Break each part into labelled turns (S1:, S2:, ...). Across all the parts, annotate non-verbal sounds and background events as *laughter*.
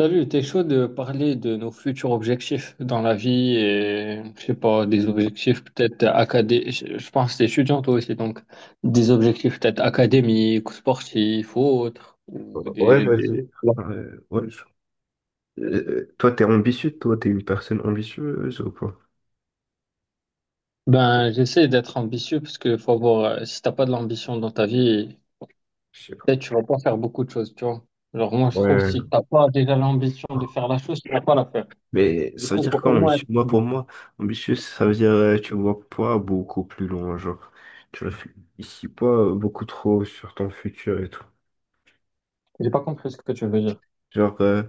S1: Salut, t'es chaud de parler de nos futurs objectifs dans la vie et, je sais pas, des objectifs peut-être académiques. Je pense que t'es étudiant toi aussi, donc des objectifs peut-être académiques, sportifs ou autres. Ou
S2: Ouais, vas-y.
S1: Ouais.
S2: Ouais, ouais, Euh, toi, t'es ambitieux, toi, t'es une personne ambitieuse ou quoi?
S1: Ben, j'essaie d'être ambitieux parce que faut avoir, si t'as pas de l'ambition dans ta vie,
S2: Je sais pas.
S1: peut-être tu vas pas faire beaucoup de choses, tu vois. Alors moi, je trouve que
S2: Ouais.
S1: si t'as pas déjà l'ambition de faire la chose, tu vas pas la faire.
S2: Mais
S1: Du
S2: ça veut
S1: coup, faut
S2: dire quoi,
S1: au moins être
S2: ambitieux? Moi, pour
S1: ambitieux.
S2: moi, ambitieux, ça veut dire tu vois pas beaucoup plus loin, genre. Tu réfléchis pas beaucoup trop sur ton futur et tout.
S1: J'ai pas compris ce que tu veux dire.
S2: Genre,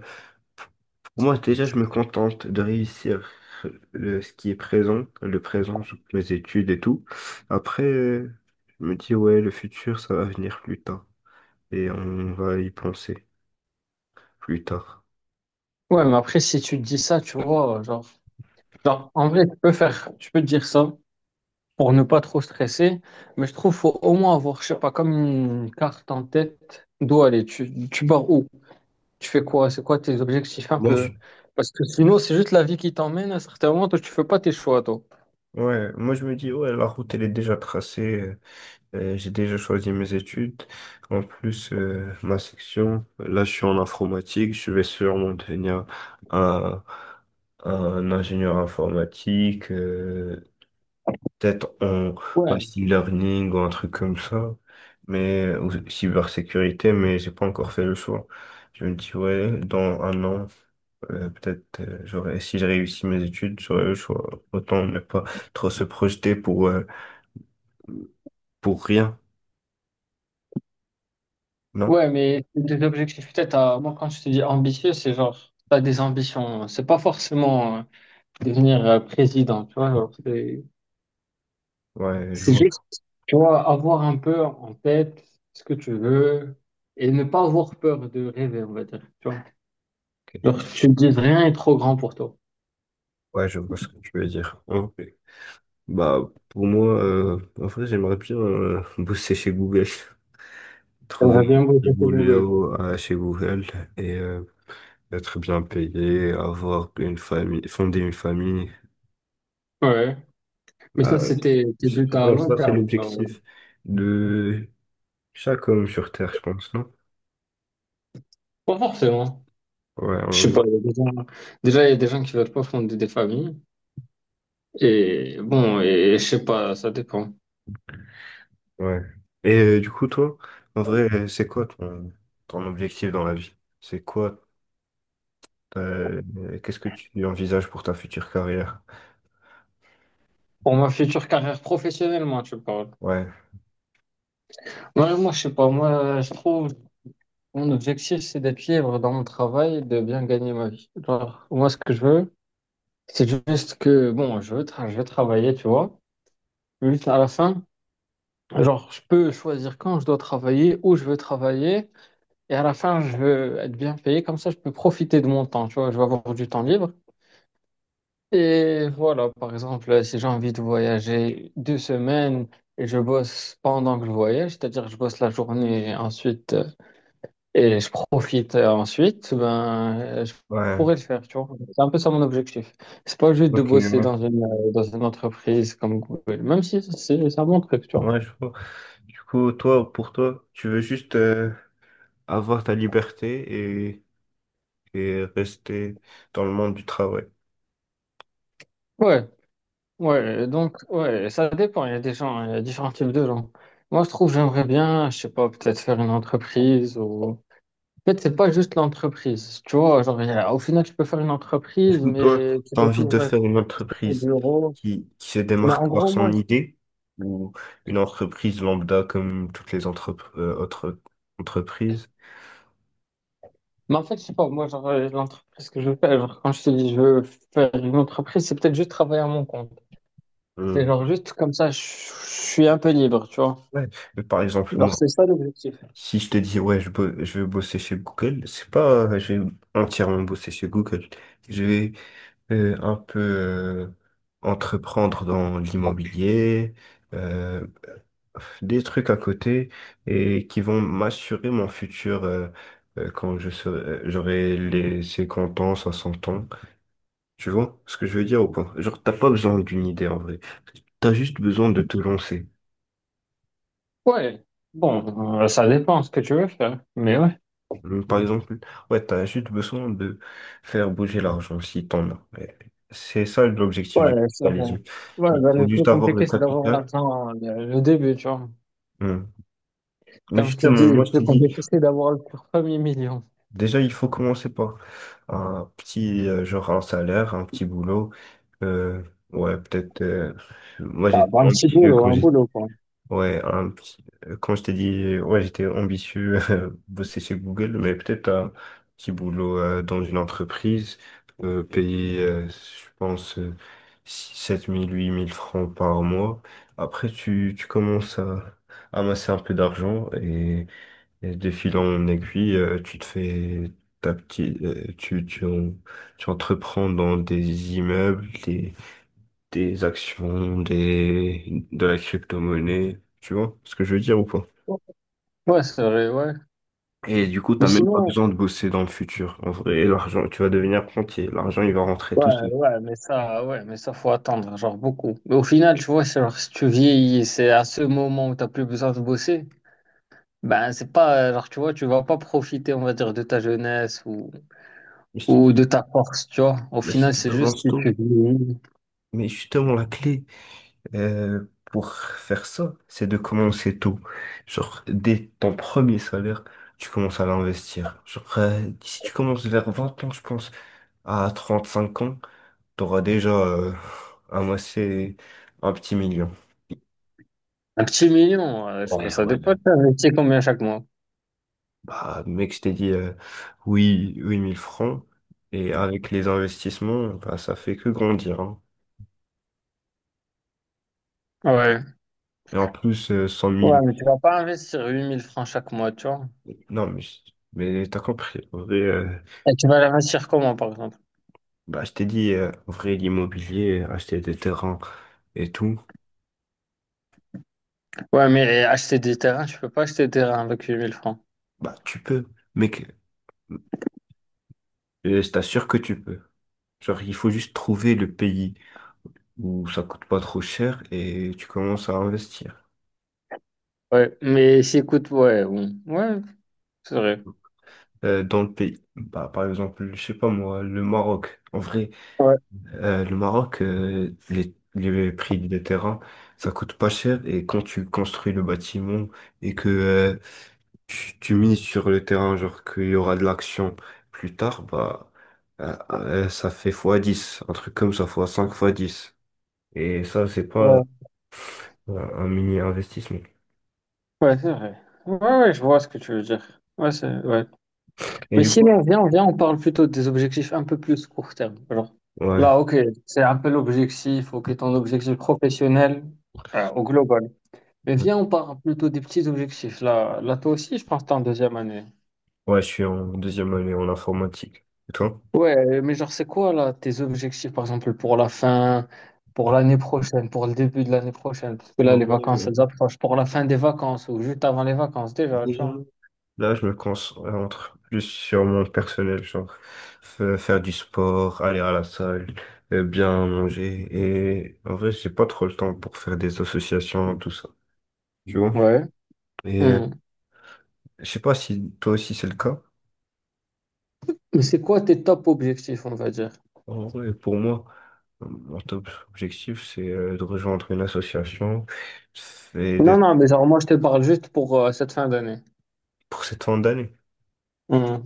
S2: pour moi, déjà, je me contente de réussir ce qui est présent, le présent, genre, mes études et tout. Après, je me dis, ouais, le futur, ça va venir plus tard. Et on va y penser plus tard.
S1: Ouais, mais après, si tu te dis ça, tu vois, genre. Genre, en vrai, tu peux faire, tu peux te dire ça pour ne pas trop stresser, mais je trouve qu'il faut au moins avoir, je sais pas, comme une carte en tête d'où aller. Tu pars où? Tu fais quoi? C'est quoi tes objectifs un
S2: Moi,
S1: peu?
S2: je-
S1: Parce que sinon, c'est juste la vie qui t'emmène. À certains moments, toi, tu fais pas tes choix, toi.
S2: ouais, moi je me dis, ouais, la route elle est déjà tracée, j'ai déjà choisi mes études. En plus, ma section, là je suis en informatique, je vais sûrement devenir un, un ingénieur informatique. Peut-être en
S1: Ouais,
S2: machine learning ou un truc comme ça, mais ou cybersécurité, mais j'ai pas encore fait le choix. Je me dis, ouais, dans un an, peut-être, j'aurais, si j'ai réussi mes études, j'aurais le choix. Autant ne pas trop se projeter pour rien, non?
S1: ouais, mais des objectifs, peut-être, à... moi, quand je te dis ambitieux, c'est genre, t'as des ambitions. C'est pas forcément devenir président, tu vois. Genre, C'est
S2: Ouais, je
S1: c'est
S2: vois.
S1: juste tu vois, avoir un peu en tête ce que tu veux et ne pas avoir peur de rêver, on va dire. Tu vois,
S2: Ok.
S1: genre, tu te dis rien est trop grand pour toi.
S2: Ouais, je vois ce que tu veux dire. Ok. Bah, pour moi, en vrai, j'aimerais bien bosser chez Google, *laughs* trouver
S1: J'aimerais bien
S2: du
S1: bosser cette nouvelle.
S2: boulot chez Google et être bien payé, avoir une famille, fonder une famille.
S1: Ouais. Mais ça,
S2: euh,
S1: c'était tes buts
S2: je
S1: à
S2: pense
S1: long
S2: que ça, c'est
S1: terme. Genre,
S2: l'objectif de chaque homme sur Terre, je pense, non?
S1: pas forcément.
S2: Ouais, en
S1: Je sais pas,
S2: vrai,
S1: il y a des gens- déjà, il y a des gens qui veulent pas fonder des familles. Et bon, et, je sais pas, ça dépend.
S2: ouais. Et du coup, toi, en vrai, c'est quoi ton, ton objectif dans la vie? C'est quoi, ta- euh, qu'est-ce que tu envisages pour ta future carrière?
S1: Pour ma future carrière professionnelle, moi, tu parles.
S2: Ouais,
S1: Ouais, moi, je sais pas. Moi, je trouve mon objectif, c'est d'être libre dans mon travail et de bien gagner ma vie. Genre, moi, ce que je veux, c'est juste que, bon, je veux travailler, tu vois. Juste à la fin, genre, je peux choisir quand je dois travailler, où je veux travailler. Et à la fin, je veux être bien payé. Comme ça, je peux profiter de mon temps, tu vois. Je vais avoir du temps libre. Et voilà, par exemple, si j'ai envie de voyager deux semaines et je bosse pendant que je voyage, c'est-à-dire que je bosse la journée et ensuite, et je profite ensuite, je
S2: ouais,
S1: pourrais le faire, tu vois. C'est un peu ça mon objectif. C'est pas juste de
S2: ok,
S1: bosser
S2: ouais,
S1: dans dans une entreprise comme Google, même si c'est un bon truc, tu vois.
S2: ouais, je vois. Du coup, toi, pour toi, tu veux juste avoir ta liberté et rester dans le monde du travail.
S1: Ouais, ouais, donc, ouais, ça dépend. Il y a des gens, il y a différents types de gens. Moi, je trouve, j'aimerais bien, je sais pas, peut-être faire une entreprise ou. En fait, c'est pas juste l'entreprise, tu vois. Genre, au final, tu peux faire une entreprise,
S2: Ou toi,
S1: mais tu
S2: tu as
S1: dois
S2: envie de
S1: toujours être
S2: faire une
S1: au
S2: entreprise
S1: bureau.
S2: qui se
S1: Mais en
S2: démarque par
S1: gros,
S2: son
S1: moi,
S2: idée ou une entreprise lambda comme toutes les autres entreprises.
S1: mais en fait, je sais pas, moi, genre, l'entreprise que je veux faire, genre, quand je te dis je veux faire une entreprise, c'est peut-être juste travailler à mon compte. C'est
S2: Euh,
S1: genre juste comme ça, je suis un peu libre, tu vois.
S2: ouais. Mais par exemple,
S1: Alors,
S2: moi,
S1: c'est ça l'objectif.
S2: si je te dis, ouais, je vais bosser chez Google, c'est pas, je vais entièrement bosser chez Google. Je vais un peu entreprendre dans l'immobilier, euh, des trucs à côté et qui vont m'assurer mon futur quand je serai, j'aurai les 50 ans, 60 ans. Tu vois ce que je veux dire ou pas? Genre, t'as pas besoin d'une idée en vrai. T'as juste besoin de te lancer.
S1: Ouais, bon, ça dépend ce que tu veux faire, mais ouais.
S2: Donc, par exemple, ouais, t'as juste besoin de faire bouger l'argent si t'en as. Ouais. C'est ça l'objectif du
S1: Ouais, ça-
S2: capitalisme.
S1: ouais,
S2: Il
S1: bah, le
S2: faut juste
S1: plus
S2: avoir le
S1: compliqué, c'est d'avoir
S2: capital.
S1: l'argent, le début, tu vois.
S2: Hmm. Mais
S1: Comme ce qu'ils
S2: justement,
S1: disent, le
S2: moi je t'ai
S1: plus
S2: dit,
S1: compliqué, c'est d'avoir le premier million.
S2: déjà il faut commencer par un petit, genre un salaire, un petit boulot. Euh, ouais, peut-être. Moi,
S1: Ah, bah,
S2: j'étais
S1: un petit
S2: ambitieux
S1: boulot,
S2: quand
S1: un
S2: j'étais.
S1: boulot, quoi.
S2: Quand je t'ai dit, ouais, j'étais ambitieux, *laughs* bosser chez Google, mais peut-être un petit boulot dans une entreprise, payer, je pense, 7000 8000 francs par mois. Après, tu commences à amasser un peu d'argent et de fil en aiguille, tu te fais ta petite, tu entreprends dans des immeubles, des actions, de la crypto-monnaie, tu vois ce que je veux dire ou pas?
S1: Ouais, c'est vrai, ouais.
S2: Et du coup, t'as
S1: Mais
S2: même pas
S1: sinon,
S2: besoin de bosser dans le futur. En vrai, l'argent, tu vas devenir rentier. L'argent, il va rentrer
S1: ouais,
S2: tout seul.
S1: ouais, mais ça, faut attendre, genre beaucoup. Mais au final, tu vois, c'est genre, si tu vieillis, c'est à ce moment où t'as plus besoin de bosser, ben, c'est pas, genre, tu vois, tu vas pas profiter, on va dire, de ta jeunesse
S2: Mais je te
S1: ou
S2: dis,
S1: de ta force, tu vois. Au
S2: mais si
S1: final,
S2: tu
S1: c'est juste
S2: commences
S1: si
S2: tôt,
S1: tu vieillis.
S2: mais justement, la clé euh, pour faire ça, c'est de commencer tôt. Genre, dès ton premier salaire, tu commences à l'investir. Genre, si tu commences vers 20 ans, je pense, à 35 ans, t'auras déjà amassé un petit million.
S1: Un petit million, je sais pas,
S2: Ouais,
S1: ça
S2: ouais, ouais.
S1: dépend, tu investis combien chaque mois.
S2: Bah, mec, je t'ai dit oui, 8000 francs. Et avec les investissements, bah, ça fait que grandir, hein.
S1: Ouais.
S2: Et en plus, 100
S1: Ouais,
S2: 000.
S1: mais tu vas pas investir 8000 francs chaque mois, tu vois.
S2: Non, mais t'as compris. En vrai,
S1: Et tu vas l'investir comment, par exemple?
S2: bah, je t'ai dit, en vrai, l'immobilier, acheter des terrains et tout,
S1: Ouais, mais acheter des terrains, tu peux pas acheter des terrains avec huit mille francs.
S2: bah, tu peux. Mec, je t'assure que tu peux. Genre, il faut juste trouver le pays où ça coûte pas trop cher et tu commences à investir
S1: Ouais, mais si, écoute, ouais, bon. Ouais, c'est vrai.
S2: dans le pays. Bah, par exemple, je sais pas moi, le Maroc. En vrai,
S1: Ouais,
S2: Le Maroc, les prix des terrains, ça coûte pas cher et quand tu construis le bâtiment et que tu mises sur le terrain, genre qu'il y aura de l'action plus tard, bah ça fait fois 10 un truc comme ça, fois 5 fois dix. Et ça, c'est pas
S1: ouais,
S2: un mini investissement.
S1: ouais, c'est vrai. Ouais, ouais, je vois ce que tu veux dire. Ouais, c'est, ouais.
S2: Et
S1: Mais
S2: du coup,
S1: sinon, on parle plutôt des objectifs un peu plus court terme. Genre,
S2: ouais,
S1: là, ok, c'est un peu l'objectif, ok, ton objectif professionnel, au global. Mais viens, on parle plutôt des petits objectifs. Toi aussi, je pense que t'es en deuxième année.
S2: ouais, je suis en deuxième année en informatique. Et toi?
S1: Ouais, mais genre, c'est quoi, là, tes objectifs, par exemple, pour la fin, pour l'année prochaine, pour le début de l'année prochaine? Parce que
S2: Ouais,
S1: là, les vacances,
S2: ouais,
S1: elles approchent. Pour la fin des vacances ou juste avant les vacances, déjà, tu vois.
S2: ouais. Là, je me concentre plus sur mon personnel, genre faire du sport, aller à la salle, bien manger. Et en vrai, j'ai pas trop le temps pour faire des associations, tout ça. Tu vois?
S1: Ouais.
S2: Et
S1: Hmm.
S2: je sais pas si toi aussi c'est le cas.
S1: Mais c'est quoi tes top objectifs, on va dire?
S2: En vrai, pour moi, mon top objectif, c'est de rejoindre une association et
S1: Non,
S2: d'être
S1: non, mais genre, moi, je te parle juste pour cette fin d'année.
S2: pour cette fin d'année.
S1: Hmm.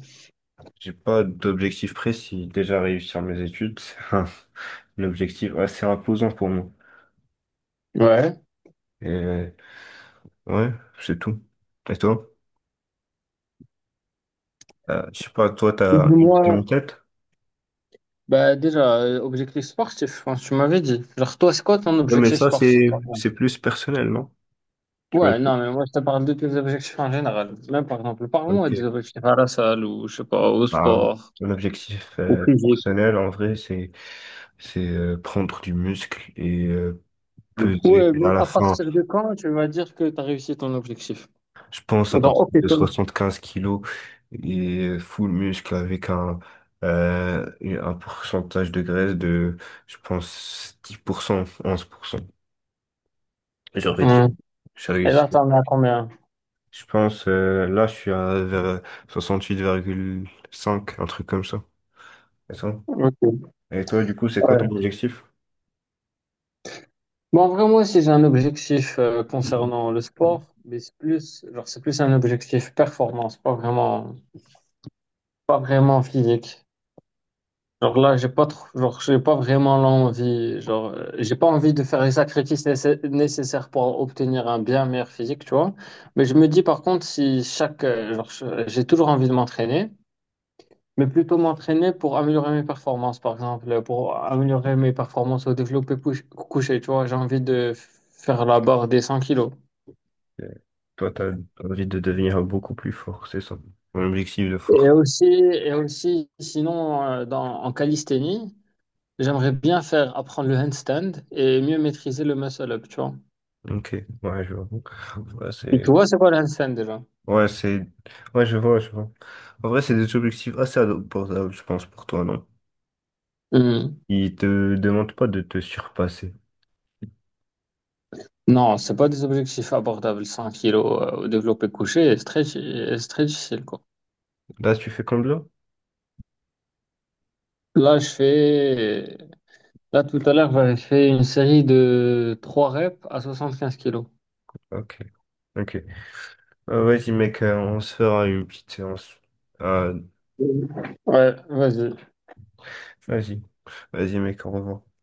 S2: J'ai pas d'objectif précis. Déjà réussir mes études, c'est un objectif assez imposant pour moi.
S1: Ouais.
S2: Et ouais, c'est tout. Et toi? Je sais pas, toi, t'as une idée
S1: Moi,
S2: en tête?
S1: bah, déjà, objectif sportif, je pense que tu m'avais dit. Genre, toi, c'est quoi ton
S2: Ouais, mais
S1: objectif
S2: ça,
S1: sportif,
S2: c'est
S1: par exemple?
S2: c'est plus personnel, non? Tu m'as
S1: Ouais,
S2: dit.
S1: non, mais moi, je te parle de tes objectifs en général. Même, par exemple, parle-moi des
S2: Ok.
S1: objectifs à la salle ou, je sais pas, au
S2: Bah,
S1: sport,
S2: mon objectif
S1: au physique.
S2: personnel, en vrai, c'est prendre du muscle et peser
S1: Ouais, mais
S2: à la
S1: à
S2: fin,
S1: partir de quand tu vas dire que tu as réussi ton objectif?
S2: je pense, à
S1: Genre,
S2: partir
S1: ok,
S2: de
S1: toi.
S2: 75 kilos et full muscle avec un pourcentage de graisse de, je pense, 10%, 11%. J'aurais dit,
S1: Hmm.
S2: j'ai
S1: Et
S2: réussi.
S1: là, t'en as combien?
S2: Je pense, là, je suis à vers 68,5, un truc comme ça. Et ça.
S1: Ok.
S2: Et toi, du coup, c'est quoi ton
S1: Ouais.
S2: objectif?
S1: Bon, vraiment, si j'ai un objectif
S2: Euh,
S1: concernant le sport, mais c'est plus, genre, c'est plus un objectif performance, pas vraiment, pas vraiment physique. Genre là, j'ai pas trop, genre, j'ai pas vraiment l'envie, genre, j'ai pas envie de faire les nécessaires pour obtenir un bien meilleur physique, tu vois. Mais je me dis par contre, si chaque, genre, je- j'ai toujours envie de m'entraîner, mais plutôt m'entraîner pour améliorer mes performances, par exemple, pour améliorer mes performances au couché, tu vois. J'ai envie de faire la barre des 100 kilos.
S2: Toi, t'as envie de devenir beaucoup plus fort, c'est ça. Mon objectif de
S1: Et
S2: force.
S1: aussi, et aussi, sinon, en calisthénie, j'aimerais bien faire apprendre le handstand et mieux maîtriser le muscle-up, tu vois.
S2: Ok, ouais, je vois. Ouais,
S1: Et tu vois, c'est quoi le handstand déjà?
S2: Ouais, Ouais, je vois, je vois. En vrai, c'est des objectifs assez abordables, je pense, pour toi, non?
S1: Hmm.
S2: Ils te demandent pas de te surpasser.
S1: Non, c'est pas des objectifs abordables, 100 kilos au développé couché, et et c'est très difficile, quoi.
S2: Là, tu fais comme là?
S1: Là, je fais, là, tout à l'heure, j'avais fait une série de 3 reps à 75 kilos.
S2: Ok, ok. Vas-y, mec, on se fera une petite séance. Euh,
S1: Ouais, vas-y.
S2: Vas-y. Vas-y, mec, au revoir.